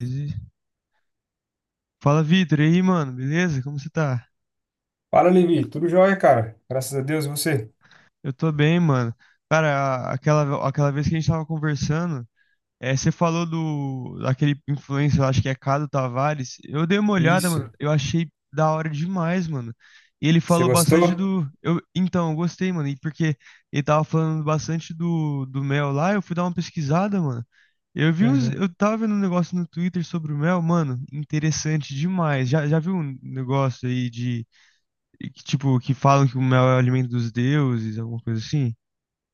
Ele- Fala, Vitor, e aí, mano, beleza? Como você tá? Fala, Levi. Tudo jóia, cara. Graças a Deus, e você? Eu tô bem, mano. Cara, aquela vez que a gente tava conversando, você falou do daquele influencer, eu acho que é Cado Tavares. Eu dei uma olhada, Isso. mano, eu achei da hora demais, mano. E ele Você falou bastante gostou? do. Então, eu gostei, mano, e porque ele tava falando bastante do mel lá, eu fui dar uma pesquisada, mano. Eu vi uns, Uhum. eu tava vendo um negócio no Twitter sobre o mel, mano, interessante demais. Já viu um negócio aí de. E que, tipo, que falam que o mel é o alimento dos deuses, alguma coisa assim.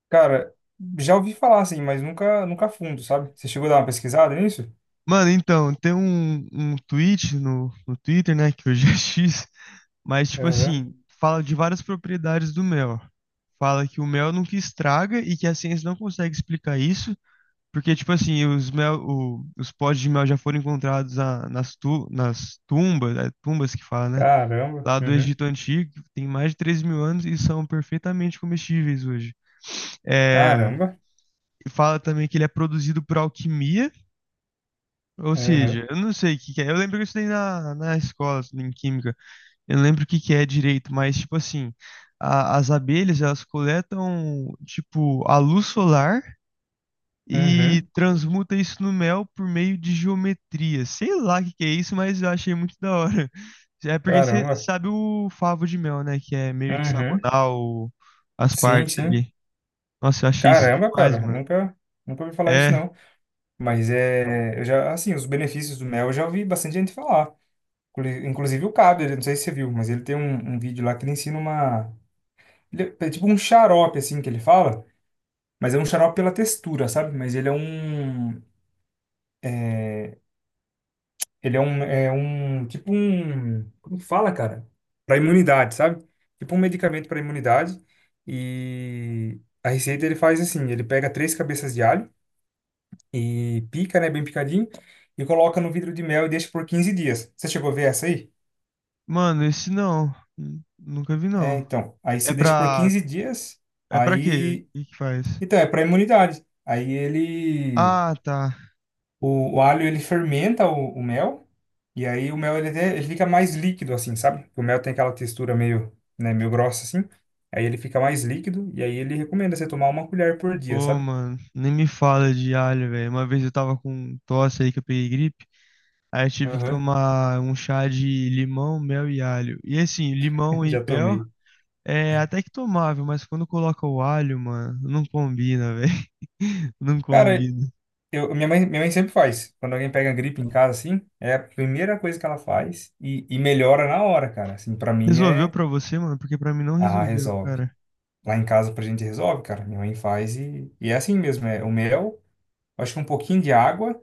Cara, já ouvi falar assim, mas nunca, nunca a fundo, sabe? Você chegou a dar uma pesquisada nisso? Mano, então, tem um tweet no Twitter, né, que hoje é X, mas, tipo Aham. assim, fala de várias propriedades do mel. Fala que o mel nunca estraga e que a ciência não consegue explicar isso, porque, tipo assim, os potes de mel já foram encontrados nas tumbas, tumbas que fala, né, Caramba. lá do Uhum. Egito Antigo, que tem mais de 3.000 anos e são perfeitamente comestíveis hoje. É, Caramba. fala também que ele é produzido por alquimia, ou seja, Aham. eu não sei o que que é. Eu lembro que eu estudei na escola, em química, eu não lembro o que que é direito, mas tipo assim, as abelhas elas coletam tipo a luz solar e Uhum. transmuta isso no mel por meio de geometria. Sei lá o que que é isso, mas eu achei muito da hora. É porque você Caramba. sabe o favo de mel, né, que é meio Uhum. hexagonal as Sim, partes sim. ali. Nossa, eu achei isso Caramba, demais, cara. mano. Nunca, nunca ouvi falar isso, É. não. Mas é, eu já, assim, os benefícios do mel eu já ouvi bastante gente falar. Inclusive o Cabo, não sei se você viu, mas ele tem um vídeo lá que ele ensina uma. Ele é tipo um xarope, assim, que ele fala, mas é um xarope pela textura, sabe? Mas ele é um. Ele é um. É um tipo um. Como que fala, cara? Para imunidade, sabe? Tipo um medicamento para imunidade. E a receita ele faz assim: ele pega três cabeças de alho e pica, né? Bem picadinho. E coloca no vidro de mel e deixa por 15 dias. Você chegou a ver essa aí? Mano, esse não. Nunca vi, É, não. então. Aí É você deixa por pra. 15 dias. É pra quê? Aí. O que que faz? Então, é para imunidade. Aí ele. Ah, tá. O alho ele fermenta o mel e aí o mel ele, ele fica mais líquido assim, sabe? O mel tem aquela textura meio, né, meio grossa assim. Aí ele fica mais líquido e aí ele recomenda você tomar uma colher por dia, Pô, sabe? mano, nem me fala de alho, velho. Uma vez eu tava com um tosse aí que eu peguei gripe. Aí eu tive que Aham. tomar um chá de limão, mel e alho. E assim, limão e Já mel tomei. é até que tomável, mas quando coloca o alho, mano, não combina, velho. Não Cara, combina. eu, minha mãe sempre faz. Quando alguém pega gripe em casa assim, é a primeira coisa que ela faz e melhora na hora, cara. Assim, para mim Resolveu é, pra você, mano? Porque pra mim não ah, resolveu, resolve. cara. Lá em casa pra gente resolve, cara. Minha mãe faz e é assim mesmo, é o mel, acho que um pouquinho de água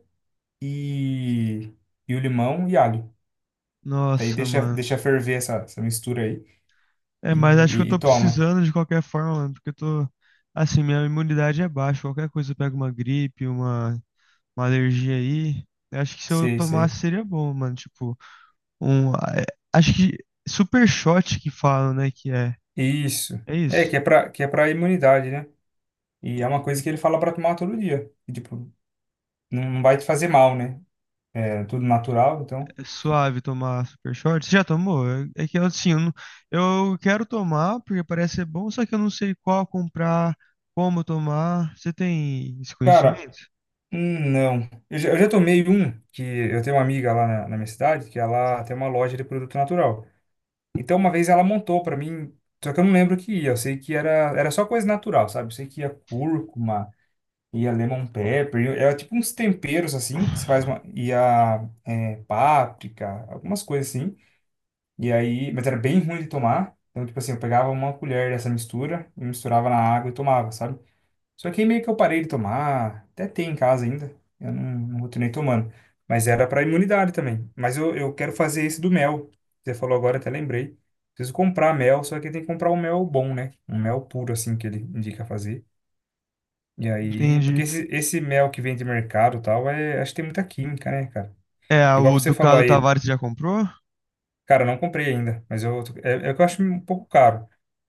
e, e o limão e alho. Daí Nossa, deixa, mano. deixa ferver essa mistura aí e, É, mas acho que eu e tô toma. precisando de qualquer forma, mano, porque eu tô. Assim, minha imunidade é baixa. Qualquer coisa eu pego uma gripe, uma alergia aí. Eu acho que se eu Sei, tomasse sei. seria bom, mano. Tipo, um. a- é- Acho que super shot que falam, né? Que é. Isso. É É, isso. que é pra imunidade, né? E é uma coisa que ele fala pra tomar todo dia. E, tipo, não vai te fazer mal, né? É tudo natural, então. É suave tomar super shot. Você já tomou? É que assim, eu, não- eu quero tomar, porque parece ser bom, só que eu não sei qual comprar, como tomar. Você tem esse Cara, conhecimento? Não. Eu já tomei um, que eu tenho uma amiga lá na minha cidade, que ela tem uma loja de produto natural. Então, uma vez ela montou pra mim, só que eu não lembro o que ia. Eu sei que era só coisa natural, sabe? Eu sei que ia cúrcuma, e a lemon pepper, é tipo uns temperos assim, que se faz uma, e a é, páprica, algumas coisas assim. E aí, mas era bem ruim de tomar. Então, tipo assim, eu pegava uma colher dessa mistura, e misturava na água e tomava, sabe? Só que aí meio que eu parei de tomar, até tem em casa ainda, eu não continuei tomando. Mas era para imunidade também. Mas eu quero fazer esse do mel. Você falou agora, até lembrei. Preciso comprar mel, só que tem que comprar um mel bom, né? Um mel puro, assim, que ele indica fazer. E aí, porque Entendi. esse mel que vem de mercado e tal, é, acho que tem muita química, né, cara? É, Igual o você falou Ducado aí, Tavares já comprou? cara, eu não comprei ainda, mas eu, é que eu acho um pouco caro,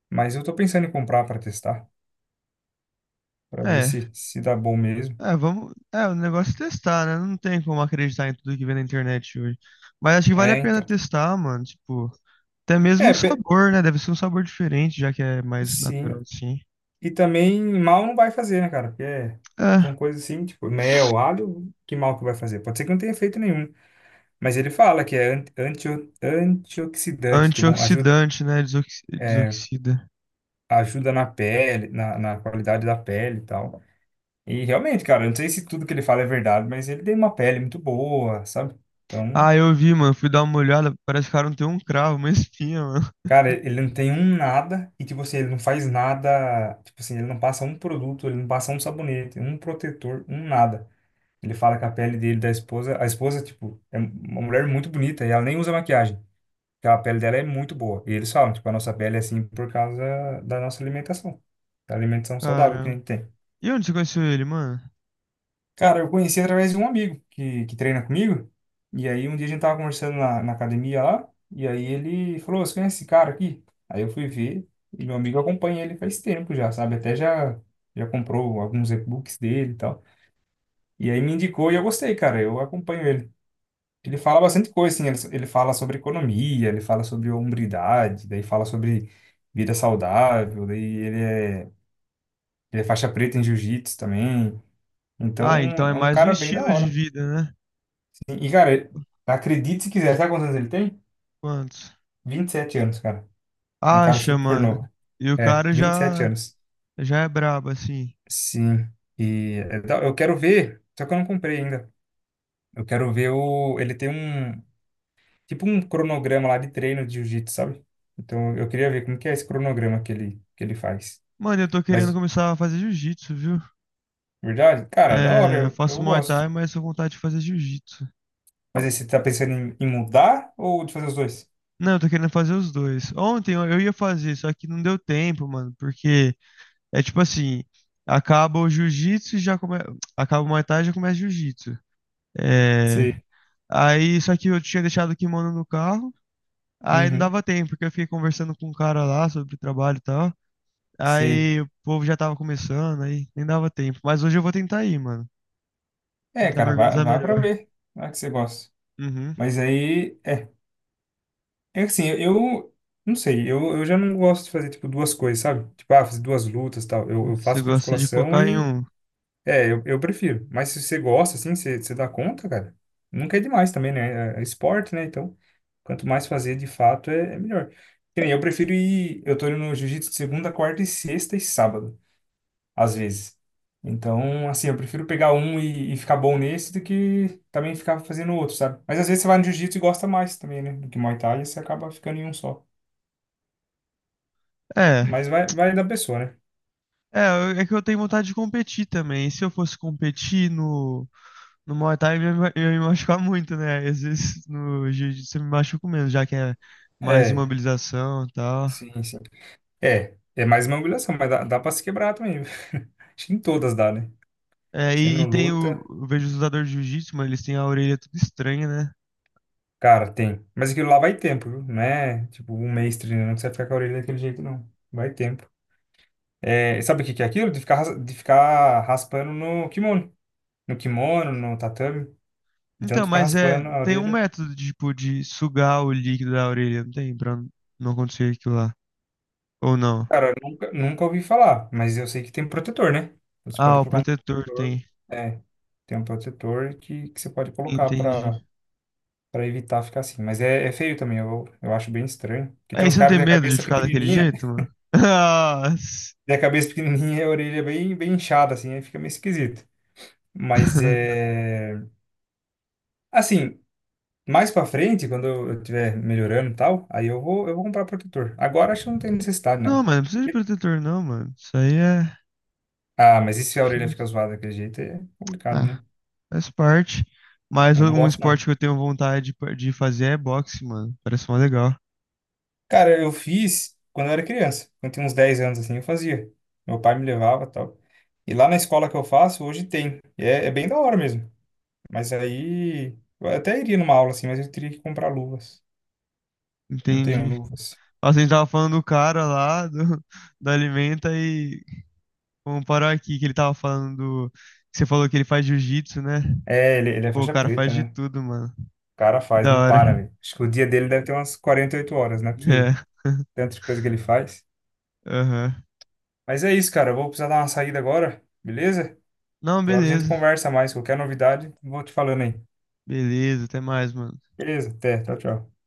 mas eu tô pensando em comprar para testar, para ver É. se dá bom mesmo. É, vamos. É, o negócio é testar, né? Não tem como acreditar em tudo que vem na internet hoje. Mas acho que vale a É, pena então. testar, mano. Tipo, até mesmo É, o sabor, né? Deve ser um sabor diferente, já que é mais natural sim. assim. E também mal não vai fazer, né, cara? Porque É. são coisas assim, tipo, mel, alho, que mal que vai fazer? Pode ser que não tenha efeito nenhum, mas ele fala que é antioxidante, tipo, ajuda, Antioxidante, né? Desoxida. ajuda na pele, na qualidade da pele e tal. E realmente, cara, eu não sei se tudo que ele fala é verdade, mas ele tem uma pele muito boa, sabe? Então, Ah, eu vi, mano. Fui dar uma olhada. Parece que o cara não tem um cravo, uma espinha, mano. cara, ele não tem um nada e, tipo assim, ele não faz nada. Tipo assim, ele não passa um produto, ele não passa um sabonete, um protetor, um nada. Ele fala que a pele dele, da esposa, a esposa, tipo, é uma mulher muito bonita e ela nem usa maquiagem. Porque a pele dela é muito boa. E eles falam, tipo, a nossa pele é assim por causa da nossa alimentação, da alimentação saudável que a Caramba. gente tem. E onde você conheceu ele, mano? Cara, eu conheci através de um amigo que treina comigo. E aí um dia a gente tava conversando na academia lá, e aí ele falou, "Ô, você conhece esse cara aqui?" Aí eu fui ver, e meu amigo acompanha ele faz tempo já, sabe? Até já comprou alguns e-books dele e tal. E aí me indicou e eu gostei, cara, eu acompanho ele. Ele fala bastante coisa, assim, ele fala sobre economia, ele fala sobre hombridade, daí fala sobre vida saudável, daí ele é faixa preta em jiu-jitsu também. Então, Ah, então é é um mais um cara bem da estilo de hora. vida, né? E, cara, acredite se quiser, sabe quantos anos ele tem? Quantos? 27 anos, cara. É um cara Acha, super mano. novo. E o É, cara 27 já anos. já é brabo, assim. Sim. Eu quero ver, só que eu não comprei ainda. Eu quero ver o. Ele tem um. Tipo um cronograma lá de treino de jiu-jitsu, sabe? Então eu queria ver como que é esse cronograma que ele faz. Mano, eu tô querendo Mas, começar a fazer jiu-jitsu, viu? verdade, cara, da hora, É, eu eu, faço eu Muay Thai, gosto. mas tô com vontade de fazer jiu-jitsu. Mas aí você tá pensando em mudar ou de fazer os dois? Não, eu tô querendo fazer os dois. Ontem eu ia fazer, só que não deu tempo, mano, porque é tipo assim, acaba o jiu-jitsu e já começa, acaba o Muay Thai e já começa jiu-jitsu. É, Sim. aí só que eu tinha deixado o kimono no carro, aí não Uhum, dava tempo, porque eu fiquei conversando com um cara lá sobre trabalho e tal. sei. Aí o povo já tava começando, aí nem dava tempo. Mas hoje eu vou tentar ir, mano. É, Tentar me cara, vai, organizar vai pra melhor. ver. Vai que você gosta. Uhum. Mas aí, é assim, eu, não sei, eu já não gosto de fazer, tipo, duas coisas, sabe? Tipo, ah, fazer duas lutas e tal. Eu Você faço gosta de musculação focar em e, um. é, eu prefiro. Mas se você gosta, assim, você dá conta, cara, nunca é demais também, né? É esporte, né? Então, quanto mais fazer, de fato, é melhor. Que nem eu prefiro ir, eu tô indo no jiu-jitsu de segunda, quarta e sexta e sábado às vezes. Então, assim, eu prefiro pegar um e ficar bom nesse do que também ficar fazendo outro, sabe? Mas às vezes você vai no jiu-jitsu e gosta mais também, né? Do que Muay Thai e você acaba ficando em um só. É. Mas vai da pessoa, né? É, é que eu tenho vontade de competir também. E se eu fosse competir no Muay Thai, eu ia me machucar muito, né? Às vezes no Jiu-Jitsu eu me machuco menos, já que é mais É, imobilização e tal. sim, sim. É mais uma humilhação, mas dá, dá pra se quebrar também. Acho que em todas dá, né? É, Você e não tem o. luta, Eu vejo os lutadores de Jiu-Jitsu, mano, eles têm a orelha tudo estranha, né? cara, tem. Mas aquilo lá vai tempo, viu? Não é tipo um mês treinando que você ficar com a orelha daquele jeito, não. Vai tempo. É, sabe o que que é aquilo? De ficar raspando no kimono, no tatame, de tanto Então, ficar mas é, raspando a tem um orelha. método tipo, de sugar o líquido da orelha, não tem? Pra não acontecer aquilo lá. Ou não? Cara, eu nunca, nunca ouvi falar, mas eu sei que tem um protetor, né? Você pode Ah, o colocar um protetor protetor. tem. É, tem um protetor que você pode colocar pra, Entendi. pra evitar ficar assim. Mas é feio também, eu acho bem estranho. Porque É, tem e uns você não caras que tem têm a medo de cabeça ficar daquele pequenininha, jeito, mano? Nossa. tem a cabeça pequenininha e a orelha bem, bem inchada, assim, aí fica meio esquisito. Mas é. Assim, mais pra frente, quando eu estiver melhorando e tal, aí eu vou comprar protetor. Agora acho que não tem necessidade, Não, não. mano, não precisa de protetor, não, mano. Isso aí é. Acho Ah, mas e se a que orelha não- fica zoada daquele jeito é complicado, né? Ah, faz parte. Mas Eu não um gosto, não. esporte que eu tenho vontade de de fazer é boxe, mano. Parece mó legal. Cara, eu fiz quando eu era criança. Quando eu tinha uns 10 anos, assim, eu fazia. Meu pai me levava e tal. E lá na escola que eu faço, hoje tem. E é bem da hora mesmo. Mas aí... Eu até iria numa aula, assim, mas eu teria que comprar luvas. Não tenho Entendi. luvas. Nossa, a gente tava falando do cara lá, do, da Alimenta, e vamos parar aqui que ele tava falando. Que você falou que ele faz jiu-jitsu, né? É, ele é Pô, o faixa cara faz preta, de né? tudo, mano. O cara Que faz, da não hora. para, velho. Acho que o dia dele deve ter umas 48 horas, não é É. possível. Tanta coisa que ele faz. Aham. Mas é isso, cara. Eu vou precisar dar uma saída agora, beleza? Não, Outra hora a gente beleza. conversa mais. Qualquer novidade, vou te falando aí. Beleza, até mais, mano. Beleza, até. Tchau, tchau.